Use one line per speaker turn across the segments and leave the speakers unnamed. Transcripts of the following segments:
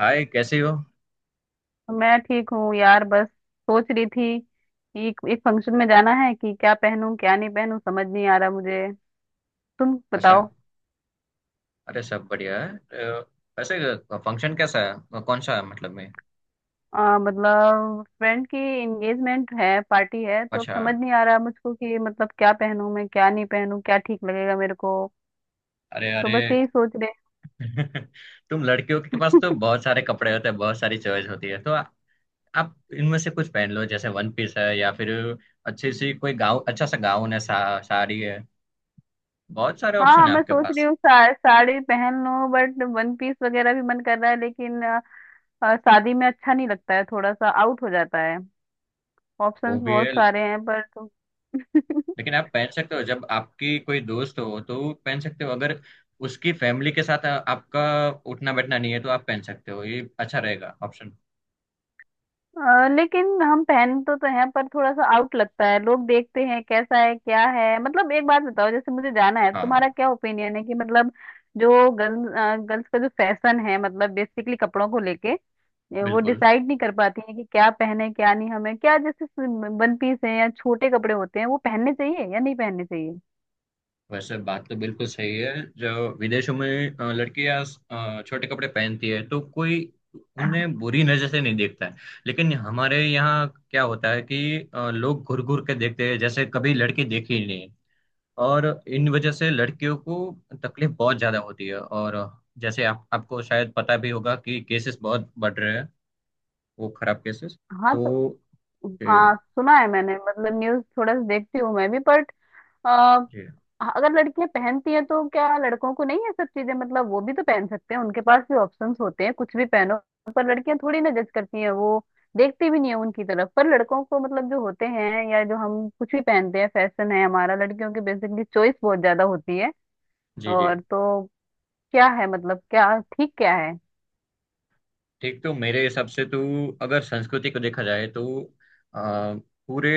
हाय, कैसी हो।
तो मैं ठीक हूँ यार, बस सोच रही थी एक एक फंक्शन में जाना है कि क्या पहनूं, क्या नहीं पहनूं, समझ नहीं आ रहा मुझे। तुम
अच्छा।
बताओ।
अरे, सब बढ़िया है। वैसे फंक्शन कैसा है? कौन सा है मतलब में?
मतलब फ्रेंड की एंगेजमेंट है, पार्टी है, तो अब
अच्छा।
समझ नहीं आ रहा मुझको कि मतलब क्या पहनूं मैं, क्या नहीं पहनूं, क्या ठीक लगेगा मेरे को।
अरे
तो
अरे।
बस यही सोच रहे।
तुम लड़कियों के पास तो बहुत सारे कपड़े होते हैं, बहुत सारी चॉइस होती है। तो आप इनमें से कुछ पहन लो, जैसे वन पीस है या फिर अच्छी सी कोई गाउन, अच्छा सा गाउन है, साड़ी है। बहुत सारे
हाँ
ऑप्शन
हाँ,
है
मैं
आपके
सोच रही
पास।
हूँ साड़ी पहन लूं, बट वन पीस वगैरह भी मन कर रहा है, लेकिन आ, आ, शादी में अच्छा नहीं लगता है, थोड़ा सा आउट हो जाता है।
वो
ऑप्शंस
भी
बहुत
है।
सारे हैं पर।
लेकिन आप पहन सकते हो, जब आपकी कोई दोस्त हो तो पहन सकते हो, अगर उसकी फैमिली के साथ आपका उठना बैठना नहीं है तो आप पहन सकते हो, ये अच्छा रहेगा ऑप्शन।
लेकिन हम पहन तो हैं पर थोड़ा सा आउट लगता है, लोग देखते हैं कैसा है क्या है। मतलब एक बात बताओ, जैसे मुझे जाना है,
हाँ,
तुम्हारा क्या ओपिनियन है कि मतलब जो गर्ल्स का जो फैशन है, मतलब बेसिकली कपड़ों को लेके ये वो
बिल्कुल।
डिसाइड नहीं कर पाती है कि क्या पहने क्या नहीं, हमें क्या जैसे वन पीस है या छोटे कपड़े होते हैं वो पहनने चाहिए या नहीं पहनने चाहिए।
वैसे बात तो बिल्कुल सही है। जो विदेशों में लड़कियां छोटे कपड़े पहनती है तो कोई उन्हें बुरी नजर से नहीं देखता है। लेकिन हमारे यहाँ क्या होता है कि लोग घूर घूर के देखते हैं, जैसे कभी लड़की देखी ही नहीं है। और इन वजह से लड़कियों को तकलीफ बहुत ज्यादा होती है। और जैसे आप आपको शायद पता भी होगा कि केसेस बहुत बढ़ रहे हैं, वो खराब केसेस।
हाँ तो
तो। जी
हाँ, सुना है मैंने, मतलब न्यूज थोड़ा सा देखती हूँ मैं भी, बट हाँ,
जी।
अगर लड़कियां पहनती हैं तो क्या लड़कों को नहीं है सब चीजें, मतलब वो भी तो पहन सकते हैं, उनके पास भी ऑप्शंस होते हैं, कुछ भी पहनो। पर लड़कियां थोड़ी ना जज करती हैं, वो देखती भी नहीं है उनकी तरफ, पर लड़कों को मतलब जो होते हैं या जो हम कुछ भी पहनते हैं, फैशन है हमारा, लड़कियों की बेसिकली चॉइस बहुत ज्यादा होती है।
जी जी।
और तो क्या है, मतलब क्या ठीक क्या है।
ठीक, तो मेरे हिसाब से तू, अगर संस्कृति को देखा जाए तो, आ, पूरे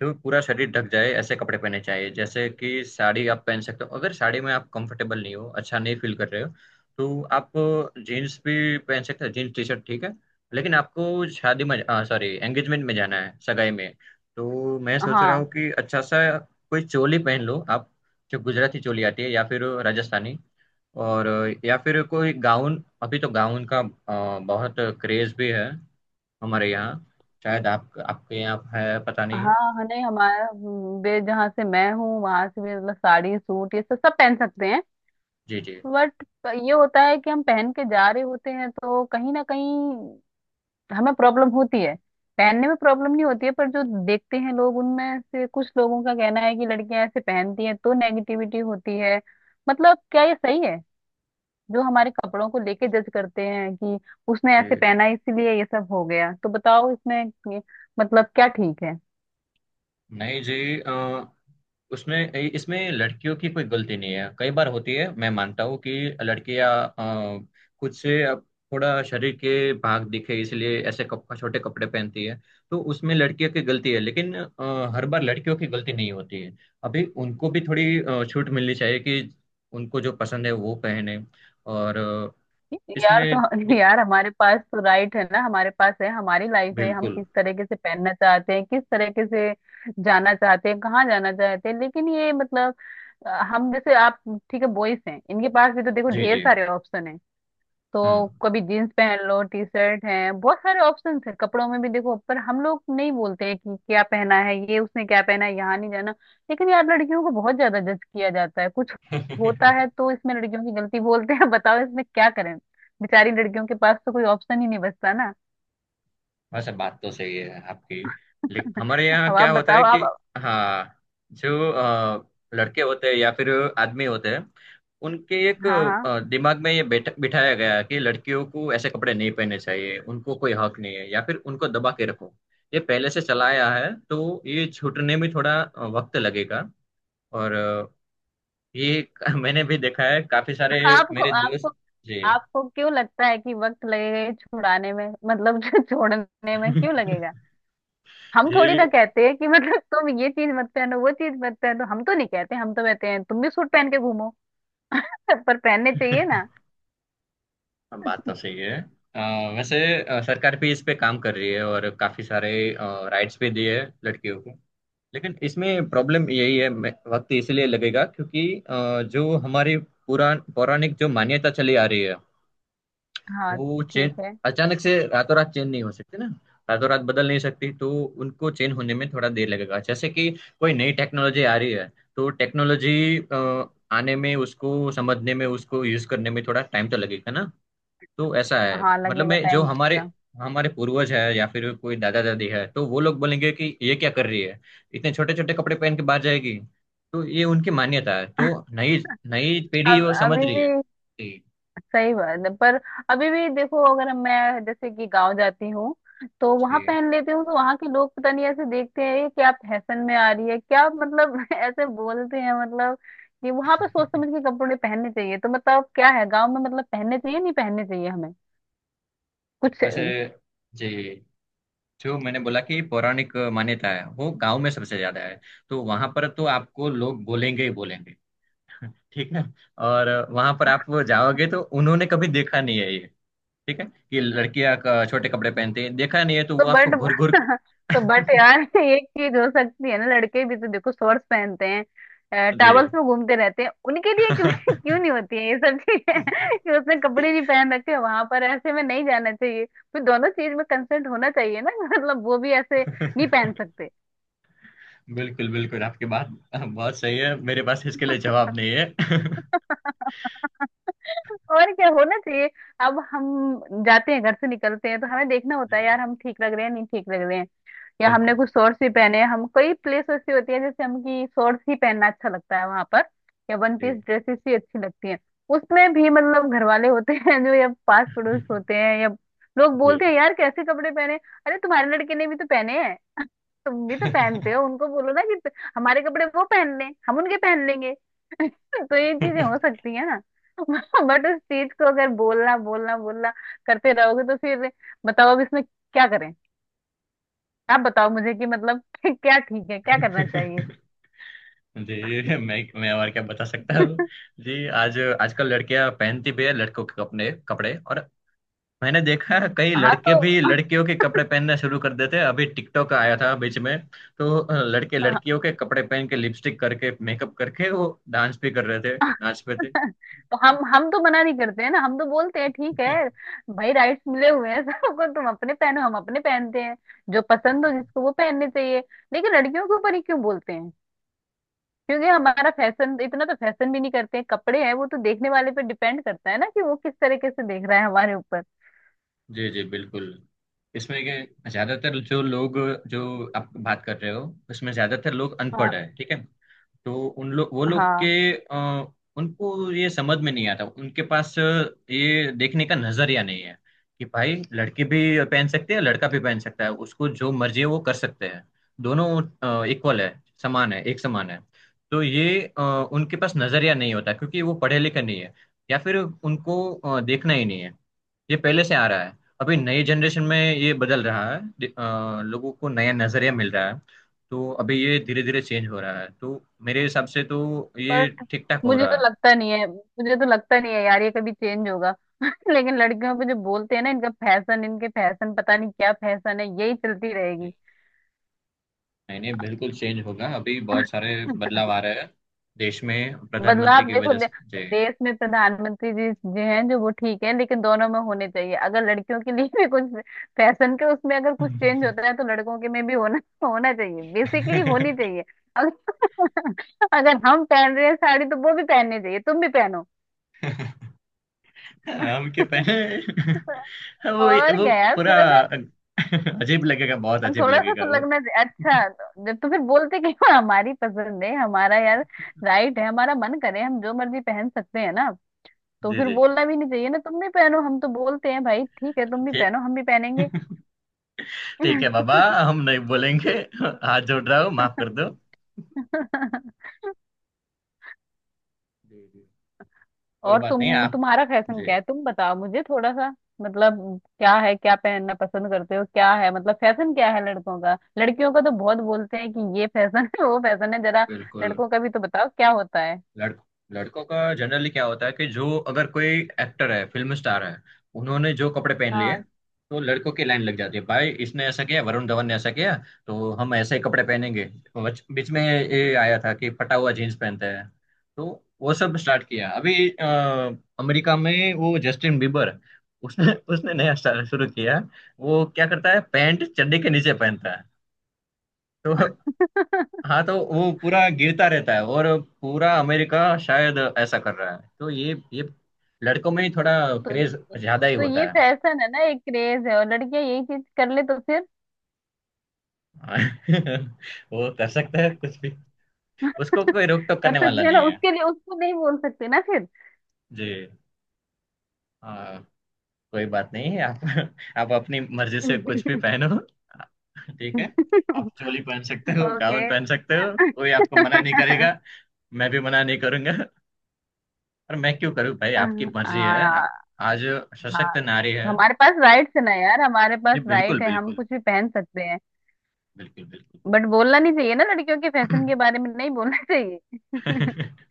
जो पूरा शरीर ढक जाए ऐसे कपड़े पहने चाहिए। जैसे कि साड़ी आप पहन सकते हो। अगर साड़ी में आप कंफर्टेबल नहीं हो, अच्छा नहीं फील कर रहे हो, तो आप जीन्स भी पहन सकते हो। जीन्स टी शर्ट ठीक है। लेकिन आपको शादी में, सॉरी, एंगेजमेंट में जाना है, सगाई में, तो मैं सोच रहा हूँ
हाँ
कि अच्छा सा कोई चोली पहन लो आप। जो गुजराती चोली आती है, या फिर राजस्थानी। और या फिर कोई गाउन, अभी तो गाउन का बहुत क्रेज भी है हमारे यहाँ। शायद आप आपके यहाँ है, पता नहीं।
हाँ, हाँ, नहीं हमारा बे जहाँ से मैं हूँ वहां से भी मतलब साड़ी सूट ये सब सब पहन सकते हैं।
जी जी।
बट ये होता है कि हम पहन के जा रहे होते हैं तो कहीं ना कहीं हमें प्रॉब्लम होती है। पहनने में प्रॉब्लम नहीं होती है, पर जो देखते हैं लोग उनमें से कुछ लोगों का कहना है कि लड़कियां ऐसे पहनती हैं तो नेगेटिविटी होती है। मतलब क्या ये सही है, जो हमारे कपड़ों को लेके जज करते हैं कि उसने
जी।
ऐसे पहना है, इसीलिए ये सब हो गया, तो बताओ इसमें ये- मतलब क्या ठीक है।
नहीं जी। उसमें इसमें लड़कियों की कोई गलती नहीं है, कई बार होती है। मैं मानता हूँ कि लड़कियां अ, खुद से, अब थोड़ा शरीर के भाग दिखे इसलिए ऐसे छोटे कपड़े पहनती है। तो उसमें लड़कियों की गलती है, लेकिन हर बार लड़कियों की गलती नहीं होती है। अभी उनको भी थोड़ी छूट मिलनी चाहिए, कि उनको जो पसंद है वो पहने। और
यार
इसमें
तो
दिक-
यार हमारे पास तो राइट है ना, हमारे पास है, हमारी लाइफ है, हम
बिल्कुल।
किस तरीके से पहनना चाहते हैं, किस तरीके से जाना चाहते हैं, कहाँ जाना चाहते हैं। लेकिन ये मतलब हम जैसे आप ठीक है बॉयज हैं, इनके पास भी तो देखो
जी
ढेर
जी।
सारे ऑप्शन है। तो
हम्म।
कभी जीन्स पहन लो, टी शर्ट है, बहुत सारे ऑप्शन है कपड़ों में भी देखो। पर हम लोग नहीं बोलते हैं कि क्या पहना है ये, उसने क्या पहना है, यहाँ नहीं जाना। लेकिन यार लड़कियों को बहुत ज्यादा जज किया जाता है, कुछ होता है तो इसमें लड़कियों की गलती बोलते हैं। बताओ इसमें क्या करें, बेचारी लड़कियों के पास तो कोई ऑप्शन ही नहीं बचता ना।
वैसे बात तो सही है आपकी। लेकिन हमारे यहाँ
अब आप
क्या होता
बताओ
है कि,
आप।
हाँ, जो लड़के होते हैं या फिर आदमी होते हैं, उनके एक
हाँ हाँ,
दिमाग में ये बैठ बिठाया गया है कि लड़कियों को ऐसे कपड़े नहीं पहनने चाहिए, उनको कोई हक नहीं है, या फिर उनको दबा के रखो। ये पहले से चला आया है, तो ये छूटने में थोड़ा वक्त लगेगा। और ये मैंने भी देखा है, काफी सारे
आपको
मेरे दोस्त।
आपको
जी।
आपको क्यों लगता है कि वक्त लगेगा ये छुड़ाने में, मतलब छोड़ने में क्यों लगेगा। हम थोड़ी ना
जी।
कहते हैं कि मतलब तुम ये चीज मत पहनो, वो चीज मत पहनो, हम तो नहीं कहते, हम तो कहते हैं तुम भी सूट पहन के घूमो। पर पहनने चाहिए ना।
हाँ, बात तो सही है। अ, वैसे सरकार भी इस पे काम कर रही है, और काफी सारे राइट्स भी दिए हैं लड़कियों को। लेकिन इसमें प्रॉब्लम यही है, वक्त इसलिए लगेगा क्योंकि जो हमारी पुरान पौराणिक जो मान्यता चली आ रही है,
हाँ
वो चेंज
ठीक है,
अचानक से रातों रात चेंज नहीं हो सकती ना। रातों रात बदल नहीं सकती, तो उनको चेंज होने में थोड़ा देर लगेगा। जैसे कि कोई नई टेक्नोलॉजी आ रही है, तो टेक्नोलॉजी आने में, उसको समझने में, उसको यूज करने में थोड़ा टाइम तो लगेगा ना। तो ऐसा है,
हाँ
मतलब
लगेगा
मैं, जो
टाइम
हमारे
लगेगा।
हमारे पूर्वज है या फिर कोई दादा दादी है, तो वो लोग बोलेंगे कि ये क्या कर रही है, इतने छोटे छोटे कपड़े पहन के बाहर जाएगी। तो ये उनकी मान्यता है। तो नई नई पीढ़ी
अब
वो समझ
अभी
रही
भी
है। जी
सही बात है, पर अभी भी देखो अगर मैं जैसे कि गांव जाती हूँ तो वहां
जी।
पहन लेती हूँ तो वहां के लोग पता नहीं ऐसे देखते हैं ये क्या फैशन में आ रही है क्या, मतलब ऐसे बोलते हैं मतलब कि वहां पे सोच समझ के कपड़े पहनने चाहिए। तो मतलब क्या है, गांव में मतलब पहनने चाहिए नहीं पहनने चाहिए हमें कुछ।
वैसे, जी, जो मैंने बोला कि पौराणिक मान्यता है, वो गांव में सबसे ज्यादा है। तो वहां पर तो आपको लोग बोलेंगे ही बोलेंगे। ठीक है। और वहां पर आप जाओगे तो उन्होंने कभी देखा नहीं है ये, ठीक है, कि लड़कियां छोटे कपड़े पहनते हैं, देखा नहीं है, तो
तो
वो आपको
बट
घुर घुर के-
तो बट यार एक चीज हो सकती है ना, लड़के भी तो देखो शॉर्ट्स पहनते हैं, टॉवल्स
जी,
में घूमते रहते हैं, उनके लिए क्यों क्यों नहीं होती है ये सब चीजें। कि उसने कपड़े नहीं पहन रखे वहां पर, ऐसे में नहीं जाना चाहिए, फिर दोनों चीज में कंसेंट होना चाहिए ना। मतलब वो भी ऐसे नहीं पहन सकते।
बिल्कुल, बिल्कुल आपकी बात। बहुत सही है, मेरे पास इसके लिए जवाब नहीं है।
और क्या होना चाहिए, अब हम जाते हैं घर से निकलते हैं तो हमें देखना होता है
जी,
यार हम ठीक लग रहे हैं नहीं ठीक लग रहे हैं, या हमने
बिल्कुल।
कुछ शॉर्ट्स भी पहने हैं, हम कई प्लेस ऐसी होती है जैसे हम की शॉर्ट्स ही पहनना अच्छा लगता है वहां पर, या वन पीस
जी
ड्रेसेस ही अच्छी लगती हैं। उसमें भी मतलब घर वाले होते हैं जो या पास पड़ोस होते हैं या लोग
जी।
बोलते हैं यार कैसे कपड़े पहने, अरे तुम्हारे लड़के ने भी तो पहने हैं, तुम भी तो पहनते हो, उनको बोलो ना कि हमारे कपड़े वो पहन लें, हम उनके पहन लेंगे। तो ये चीजें हो सकती है ना। बट उस चीज को अगर बोलना बोलना बोलना करते रहोगे तो फिर बताओ अब इसमें क्या करें। आप बताओ मुझे कि मतलब क्या ठीक है, क्या करना चाहिए।
जी, मैं और क्या बता सकता हूँ। जी। आज आजकल लड़कियां पहनती भी है लड़कों के अपने कपड़े। और मैंने देखा है, कई
हाँ
लड़के
तो
भी लड़कियों के कपड़े पहनना शुरू कर देते हैं। अभी टिकटॉक आया था बीच में, तो लड़के
हाँ,
लड़कियों के कपड़े पहन के, लिपस्टिक करके, मेकअप करके वो डांस भी कर रहे थे, नाच पे थे।
तो हम तो मना नहीं करते हैं ना, हम तो बोलते हैं ठीक है भाई, राइट्स मिले हुए हैं सबको, तुम अपने पहनो हम अपने पहनते हैं, जो पसंद हो जिसको वो पहनने चाहिए। लेकिन लड़कियों के ऊपर ही क्यों बोलते हैं, क्योंकि हमारा फैशन इतना तो फैशन भी नहीं करते हैं, कपड़े हैं, वो तो देखने वाले पे डिपेंड करता है ना कि वो किस तरीके से देख रहा है हमारे ऊपर।
जी जी, बिल्कुल। इसमें के ज्यादातर जो लोग, जो आप बात कर रहे हो, उसमें ज्यादातर लोग अनपढ़
हाँ
है, ठीक है। तो उन लोग वो लोग के
हाँ,
उनको ये समझ में नहीं आता, उनके पास ये देखने का नजरिया नहीं है कि भाई लड़की भी पहन सकती है, लड़का भी पहन सकता है, उसको जो मर्जी है वो कर सकते हैं। दोनों इक्वल है, समान है, एक समान है। तो ये उनके पास नजरिया नहीं होता, क्योंकि वो पढ़े लिखे नहीं है, या फिर उनको देखना ही नहीं है। ये पहले से आ रहा है। अभी नई जनरेशन में ये बदल रहा है, लोगों को नया नजरिया मिल रहा है। तो अभी ये धीरे धीरे चेंज हो रहा है, तो मेरे हिसाब से तो ये
बट
ठीक ठाक हो
मुझे
रहा है।
तो लगता नहीं है, मुझे तो लगता नहीं है यार ये कभी चेंज होगा। लेकिन लड़कियों पे जो बोलते हैं ना, इनका फैशन, इनके फैशन पता नहीं क्या फैशन है, यही चलती रहेगी।
नहीं नहीं, बिल्कुल चेंज होगा। अभी बहुत सारे बदलाव आ रहे हैं देश में, प्रधानमंत्री
बदलाव
की
देखो
वजह से जे
देश में प्रधानमंत्री जी जो हैं जो वो ठीक है, लेकिन दोनों में होने चाहिए। अगर लड़कियों के लिए भी कुछ फैशन के उसमें अगर कुछ चेंज होता है तो लड़कों के में भी होना होना चाहिए, बेसिकली होनी चाहिए। अगर अगर हम पहन रहे हैं साड़ी तो वो भी पहननी चाहिए, तुम भी पहनो।
हम क्यों पहने? वो
और
वो
क्या यार,
पूरा अजीब लगेगा, बहुत अजीब
थोड़ा सा
लगेगा
तो
वो।
लगना चाहिए। अच्छा, तो फिर बोलते कि हाँ, हमारी पसंद है, हमारा यार राइट है, हमारा मन करे हम जो मर्जी पहन सकते हैं ना। तो
जी
फिर
जी।
बोलना भी नहीं चाहिए ना, तुम भी पहनो हम तो बोलते हैं भाई ठीक है, तुम भी
ठीक।
पहनो हम भी पहनेंगे।
ठीक है बाबा, हम नहीं बोलेंगे। हाथ जोड़ रहा हूँ, माफ कर दो। जी जी। कोई
और
बात नहीं आप।
तुम्हारा फैशन
जी,
क्या है, तुम बताओ मुझे थोड़ा सा, मतलब क्या है, क्या पहनना पसंद करते हो, क्या है मतलब फैशन क्या है। लड़कों का लड़कियों का तो बहुत बोलते हैं कि ये फैशन है वो फैशन है, जरा
बिल्कुल।
लड़कों का भी तो बताओ क्या होता है।
लड़ लड़कों का जनरली क्या होता है कि जो, अगर कोई एक्टर है, फिल्म स्टार है, उन्होंने जो कपड़े पहन लिए,
हाँ
तो लड़कों की लाइन लग जाती है, भाई इसने ऐसा किया, वरुण धवन ने ऐसा किया, तो हम ऐसे ही कपड़े पहनेंगे। बीच में ये आया था कि फटा हुआ जीन्स पहनते हैं, तो वो सब स्टार्ट किया। अभी अमेरिका में वो जस्टिन बीबर, उसने उसने नया स्टाइल शुरू किया। वो क्या करता है, पैंट चड्डी के नीचे पहनता है, तो हाँ, तो वो पूरा गिरता रहता है। और पूरा अमेरिका शायद ऐसा कर रहा है, तो ये लड़कों में ही थोड़ा
तो ये
क्रेज ज्यादा ही
तो
होता
ये
है।
फैशन है ना, एक क्रेज है, और लड़कियां यही चीज कर ले तो फिर।
वो कर सकता है कुछ भी, उसको कोई रोक टोक
कर
करने वाला
सकते हैं ना,
नहीं है।
उसके लिए उसको नहीं बोल सकते ना फिर।
जी। हाँ, कोई बात नहीं है, आप अपनी मर्जी से कुछ भी पहनो, ठीक है। आप चोली पहन सकते हो,
ओके।
गाउन पहन सकते हो, कोई आपको मना नहीं करेगा। मैं भी मना नहीं करूंगा। और मैं क्यों करूँ भाई, आपकी मर्जी है।
हाँ
आज सशक्त
हाँ,
नारी है।
हमारे पास राइट्स है ना यार, हमारे
जी,
पास
बिल्कुल
राइट है, हम
बिल्कुल।
कुछ भी पहन सकते हैं।
बिल्कुल बिल्कुल।
बट बोलना नहीं चाहिए ना, लड़कियों के फैशन के बारे में नहीं बोलना चाहिए।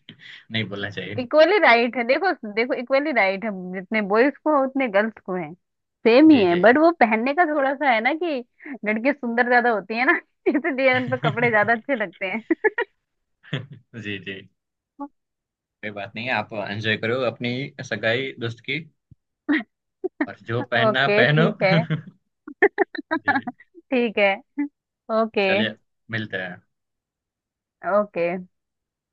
नहीं बोलना चाहिए।
इक्वली राइट है, देखो देखो इक्वली राइट है, जितने बॉयज को है उतने गर्ल्स को है, सेम ही
जी
है।
जी।
बट वो पहनने का थोड़ा सा है ना कि लड़के सुंदर ज्यादा होती है ना इसलिए उन पर कपड़े ज्यादा अच्छे लगते हैं।
जी जी, कोई बात नहीं है, आप एंजॉय करो अपनी सगाई दोस्त की, और जो पहनना
ओके,
पहनो।
ठीक है।
जी,
ठीक है। ओके।
चलिए, मिलते हैं।
ओके।